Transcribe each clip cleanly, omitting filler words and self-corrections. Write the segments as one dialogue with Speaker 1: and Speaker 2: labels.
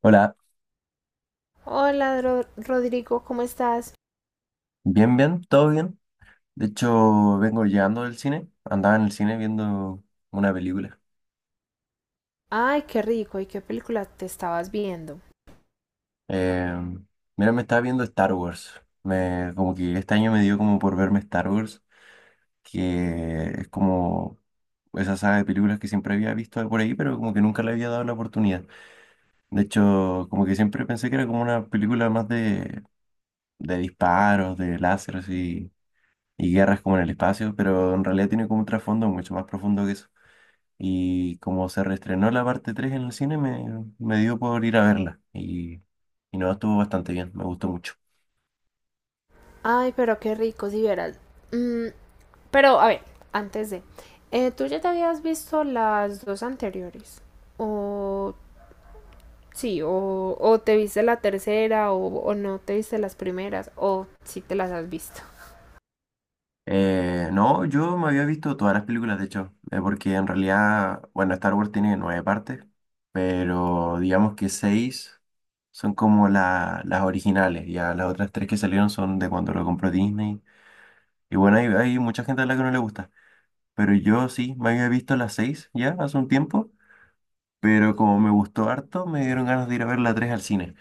Speaker 1: Hola,
Speaker 2: Hola, Rodrigo, ¿cómo estás?
Speaker 1: bien, bien, todo bien. De hecho, vengo llegando del cine. Andaba en el cine viendo una película.
Speaker 2: Ay, qué rico, ¿y qué película te estabas viendo?
Speaker 1: Eh, mira, me estaba viendo Star Wars. Como que este año me dio como por verme Star Wars, que es como esa saga de películas que siempre había visto por ahí, pero como que nunca le había dado la oportunidad. De hecho, como que siempre pensé que era como una película más de disparos, de láseres y guerras como en el espacio, pero en realidad tiene como un trasfondo mucho más profundo que eso. Y como se reestrenó la parte 3 en el cine, me dio por ir a verla. Y no, estuvo bastante bien, me gustó mucho.
Speaker 2: Ay, pero qué rico, si vieras. Mm, pero, a ver, antes de... ¿tú ya te habías visto las dos anteriores? O... Sí, o te viste la tercera, o no te viste las primeras, o si te las has visto.
Speaker 1: No, yo me había visto todas las películas, de hecho, porque en realidad, bueno, Star Wars tiene nueve partes, pero digamos que seis son como las originales, ya las otras tres que salieron son de cuando lo compró Disney. Y bueno, hay mucha gente a la que no le gusta, pero yo sí, me había visto las seis ya hace un tiempo. Pero como me gustó harto, me dieron ganas de ir a ver la 3 al cine.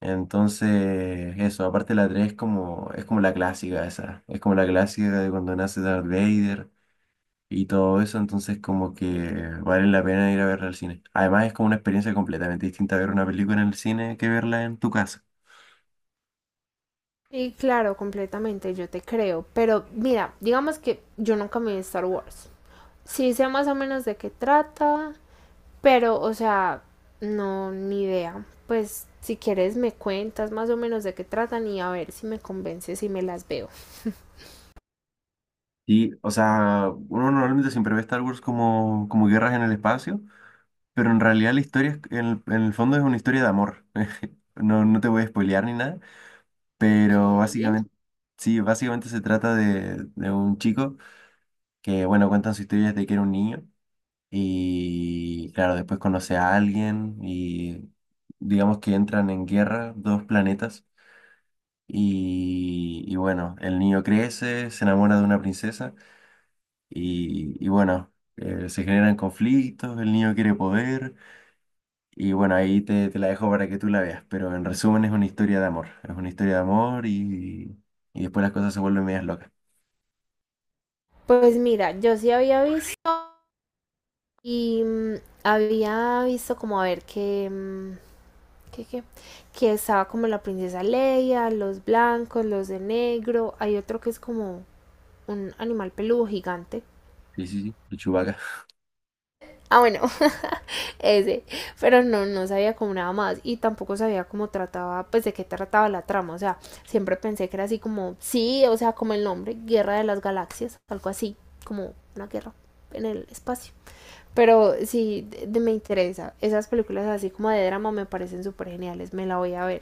Speaker 1: Entonces, eso, aparte la 3 es como, la clásica esa, es como la clásica de cuando nace Darth Vader y todo eso, entonces como que vale la pena ir a verla al cine. Además es como una experiencia completamente distinta ver una película en el cine que verla en tu casa.
Speaker 2: Y claro, completamente, yo te creo. Pero mira, digamos que yo nunca me vi Star Wars. Sí sé más o menos de qué trata. Pero, o sea, no, ni idea. Pues si quieres me cuentas más o menos de qué tratan y a ver si me convences y me las veo.
Speaker 1: Y, o sea, uno normalmente siempre ve Star Wars como guerras en el espacio, pero en realidad la historia, en el fondo es una historia de amor. No, no te voy a spoilear ni nada.
Speaker 2: Ok.
Speaker 1: Pero básicamente, sí, básicamente se trata de un chico que, bueno, cuentan su historia desde que era un niño y, claro, después conoce a alguien y digamos que entran en guerra dos planetas y bueno, el niño crece, se enamora de una princesa y bueno, se generan conflictos, el niño quiere poder y bueno, ahí te, la dejo para que tú la veas, pero en resumen es una historia de amor, es una historia de amor y después las cosas se vuelven medias locas.
Speaker 2: Pues mira, yo sí había visto y había visto, como a ver que, que, que estaba como la princesa Leia, los blancos, los de negro. Hay otro que es como un animal peludo gigante.
Speaker 1: Sí, sí, sí, de Chewbacca.
Speaker 2: Ah, bueno, ese. Pero no, no sabía como nada más y tampoco sabía cómo trataba, pues de qué trataba la trama. O sea, siempre pensé que era así como, sí, o sea, como el nombre, Guerra de las Galaxias, algo así, como una guerra en el espacio. Pero sí, me interesa. Esas películas así como de drama me parecen súper geniales, me la voy a ver.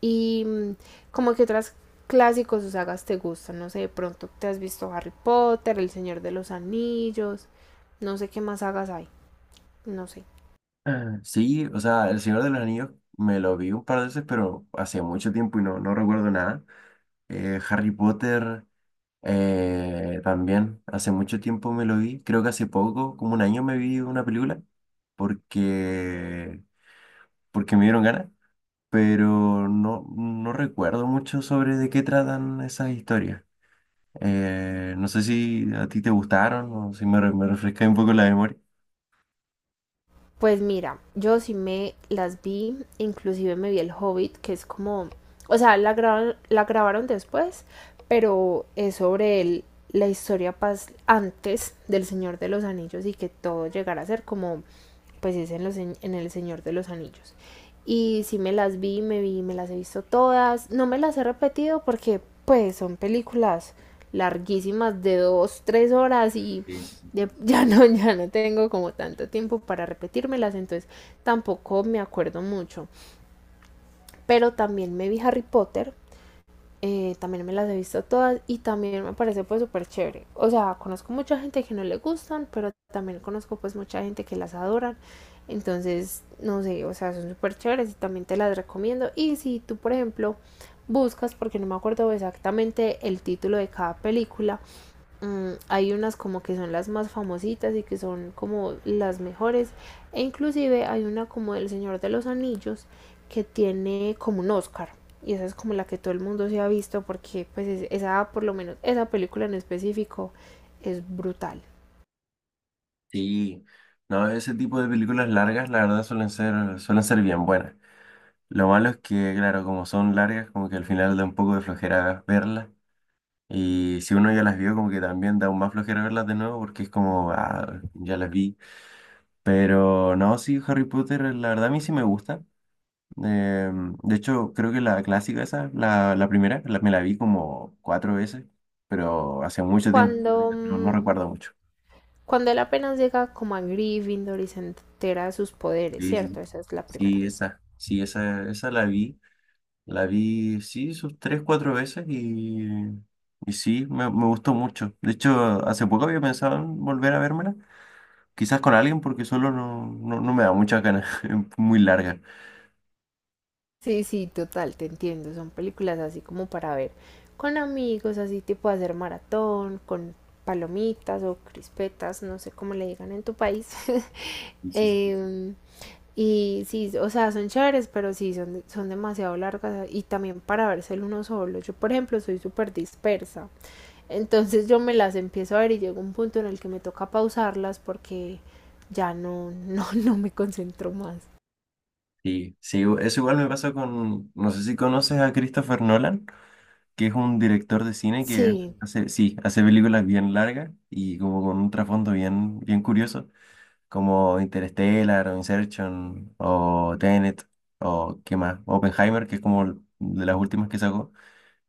Speaker 2: Y mm, Como que otras clásicos o sagas te gustan, no sé, de pronto te has visto Harry Potter, El Señor de los Anillos, no sé qué más sagas hay, no sé.
Speaker 1: Ah. Sí, o sea, El Señor de los Anillos me lo vi un par de veces, pero hace mucho tiempo y no, no recuerdo nada. Harry Potter, también, hace mucho tiempo me lo vi. Creo que hace poco, como un año me vi una película, porque, porque me dieron ganas, pero no, no recuerdo mucho sobre de qué tratan esas historias. No sé si a ti te gustaron o si me refresca un poco la memoria.
Speaker 2: Pues mira, yo sí me las vi, inclusive me vi El Hobbit, que es como, o sea, la grabaron después, pero es sobre el, la historia pas antes del Señor de los Anillos y que todo llegara a ser como, pues es en, los, en El Señor de los Anillos. Y sí me las vi, me las he visto todas, no me las he repetido porque pues son películas larguísimas de dos, tres horas y ya, ya no tengo como tanto tiempo para repetírmelas, entonces tampoco me acuerdo mucho. Pero también me vi Harry Potter, también me las he visto todas y también me parece pues súper chévere. O sea, conozco mucha gente que no le gustan, pero también conozco pues mucha gente que las adoran. Entonces, no sé, o sea, son súper chéveres y también te las recomiendo. Y si tú, por ejemplo, buscas, porque no me acuerdo exactamente el título de cada película. Hay unas como que son las más famositas y que son como las mejores. E inclusive hay una como del Señor de los Anillos que tiene como un Oscar. Y esa es como la que todo el mundo se ha visto porque esa, por lo menos esa película en específico es brutal.
Speaker 1: Sí, no, ese tipo de películas largas, la verdad, suelen ser bien buenas. Lo malo es que, claro, como son largas, como que al final da un poco de flojera verlas. Y si uno ya las vio, como que también da aún más flojera verlas de nuevo, porque es como, ah, ya las vi. Pero no, sí, Harry Potter, la verdad, a mí sí me gusta. Eh, de hecho, creo que la clásica esa, la primera, me la vi como cuatro veces, pero hace mucho tiempo,
Speaker 2: Cuando,
Speaker 1: no
Speaker 2: mm,
Speaker 1: recuerdo mucho.
Speaker 2: cuando él apenas llega como a Gryffindor y se entera de sus poderes,
Speaker 1: Sí, sí, sí.
Speaker 2: ¿cierto? Esa es la primera.
Speaker 1: Sí, esa, esa la vi, sí, sus tres, cuatro veces y sí, me gustó mucho. De hecho, hace poco había pensado en volver a vérmela, quizás con alguien porque solo no, no, no me da muchas ganas, es muy larga.
Speaker 2: Sí, sí, total, te entiendo. Son películas así como para ver con amigos, así tipo hacer maratón, con palomitas o crispetas, no sé cómo le digan en tu país.
Speaker 1: Sí, sí, sí.
Speaker 2: Em, y sí, o sea, son chéveres, pero sí, son, son demasiado largas y también para verse uno solo. Yo, por ejemplo, soy súper dispersa. Entonces yo me las empiezo a ver y llega un punto en el que me toca pausarlas porque ya no, no, no me concentro más.
Speaker 1: Sí, sí, eso igual me pasa con, no sé si conoces a Christopher Nolan, que es un director de cine que
Speaker 2: Sí.
Speaker 1: hace, sí, hace películas bien largas y como con un trasfondo bien, bien curioso. Como Interstellar o Inception o Tenet o qué más, Oppenheimer, que es como de las últimas que sacó.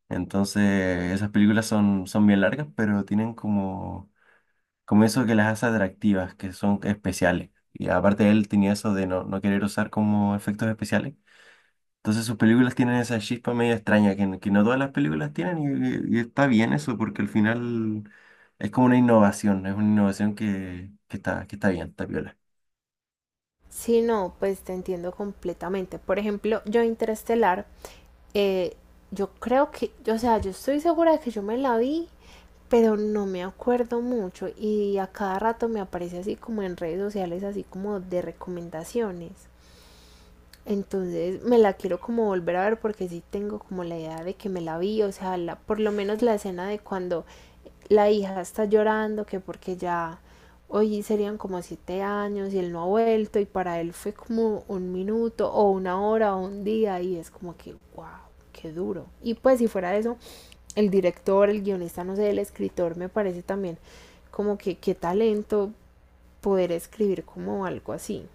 Speaker 1: Entonces, esas películas son bien largas, pero tienen como, eso que las hace atractivas, que son especiales. Y aparte él tenía eso de no querer usar como efectos especiales. Entonces sus películas tienen esa chispa medio extraña que, que no todas las películas tienen y está bien eso porque al final es como una innovación, es una innovación que está, que está bien, está piola.
Speaker 2: Sí, no, pues te entiendo completamente. Por ejemplo, yo Interestelar, eh, yo creo que, o sea, yo estoy segura de que yo me la vi, pero no me acuerdo mucho y a cada rato me aparece así como en redes sociales, así como de recomendaciones. Entonces me la quiero como volver a ver porque sí tengo como la idea de que me la vi, o sea, la, por lo menos la escena de cuando la hija está llorando que porque ya hoy serían como siete años y él no ha vuelto y para él fue como un minuto o una hora o un día y es como que, wow, qué duro. Y pues si fuera eso, el director, el guionista, no sé, el escritor me parece también como que qué talento poder escribir como algo así.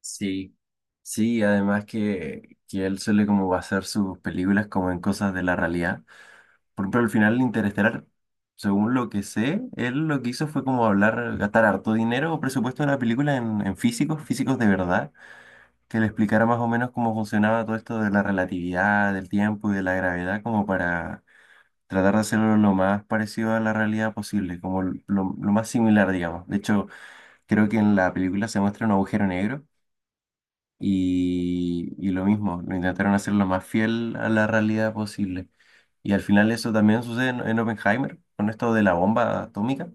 Speaker 1: Sí, sí, además que él suele como basar sus películas como en cosas de la realidad. Por ejemplo, al final Interestelar, según lo que sé, él lo que hizo fue como hablar, gastar harto dinero o presupuesto de la película en físicos, físicos de verdad, que le explicara más o menos cómo funcionaba todo esto de la relatividad, del tiempo y de la gravedad, como para tratar de hacerlo lo más parecido a la realidad posible, como lo más similar, digamos. De hecho, creo que en la película se muestra un agujero negro y lo mismo, lo intentaron hacer lo más fiel a la realidad posible. Y al final eso también sucede en Oppenheimer, con esto de la bomba atómica,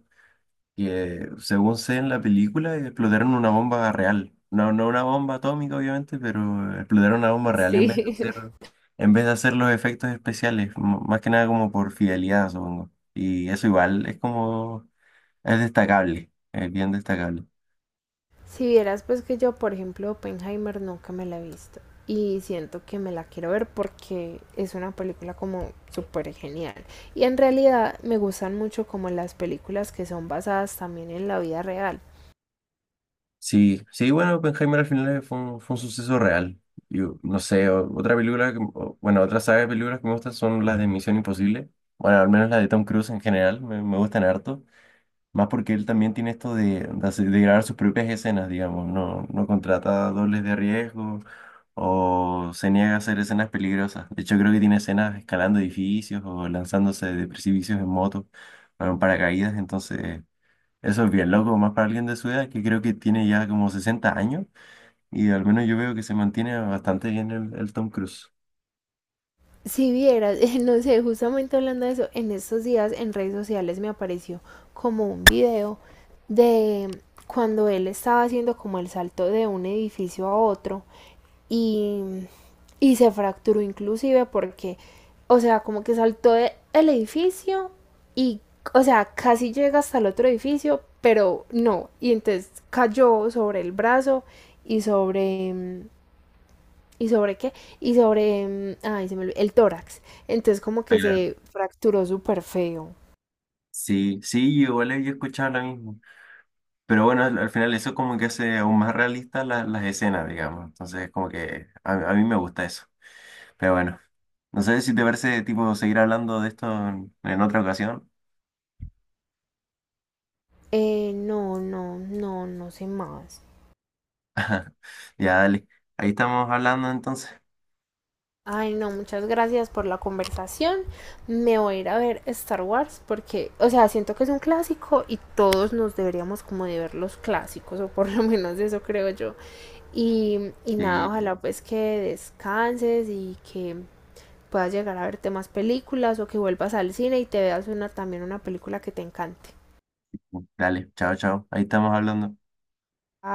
Speaker 1: que según sé en la película explotaron una bomba real. No, no una bomba atómica, obviamente, pero explotaron una bomba real en vez de
Speaker 2: Sí.
Speaker 1: hacer, en vez de hacer los efectos especiales, más que nada como por fidelidad, supongo. Y eso igual es como, es destacable, es bien destacable.
Speaker 2: Si vieras pues que yo, por ejemplo, Oppenheimer nunca me la he visto y siento que me la quiero ver porque es una película como súper genial. Y en realidad me gustan mucho como las películas que son basadas también en la vida real.
Speaker 1: Sí, sí, bueno, Oppenheimer al final fue un suceso real. Yo, no sé, otra película, bueno, otra saga de películas que me gustan son las de Misión Imposible. Bueno, al menos las de Tom Cruise en general, me gustan harto. Más porque él también tiene esto de grabar sus propias escenas, digamos. No, no contrata dobles de riesgo o se niega a hacer escenas peligrosas. De hecho, creo que tiene escenas escalando edificios o lanzándose de precipicios en moto, bueno, en paracaídas, entonces. Eso es bien loco, más para alguien de su edad, que creo que tiene ya como 60 años, y al menos yo veo que se mantiene bastante bien el Tom Cruise.
Speaker 2: Si vieras, no sé, justamente hablando de eso, en estos días en redes sociales me apareció como un video de cuando él estaba haciendo como el salto de un edificio a otro y, y se fracturó inclusive porque, o sea, como que saltó del edificio y, o sea, casi llega hasta el otro edificio, pero no, y entonces cayó sobre el brazo y ¿y sobre qué? Y sobre, ay, se me olvidó, el tórax. Entonces como
Speaker 1: Ah,
Speaker 2: que
Speaker 1: claro.
Speaker 2: se fracturó súper feo.
Speaker 1: Sí, sí, igual yo he escuchado lo mismo. Pero bueno, al final eso como que hace aún más realistas las escenas, digamos. Entonces, como que a mí me gusta eso. Pero bueno, no sé si te parece, tipo, seguir hablando de esto en otra ocasión.
Speaker 2: No, no, no, no sé más.
Speaker 1: Ya, dale. Ahí estamos hablando entonces.
Speaker 2: Ay, no, muchas gracias por la conversación. Me voy a ir a ver Star Wars porque, o sea, siento que es un clásico y todos nos deberíamos como de ver los clásicos, o por lo menos eso creo yo. Y nada,
Speaker 1: Sí,
Speaker 2: ojalá pues que descanses y que puedas llegar a verte más películas o que vuelvas al cine y te veas una también una película que te encante.
Speaker 1: dale. Chao, chao. Ahí estamos hablando.
Speaker 2: Ah.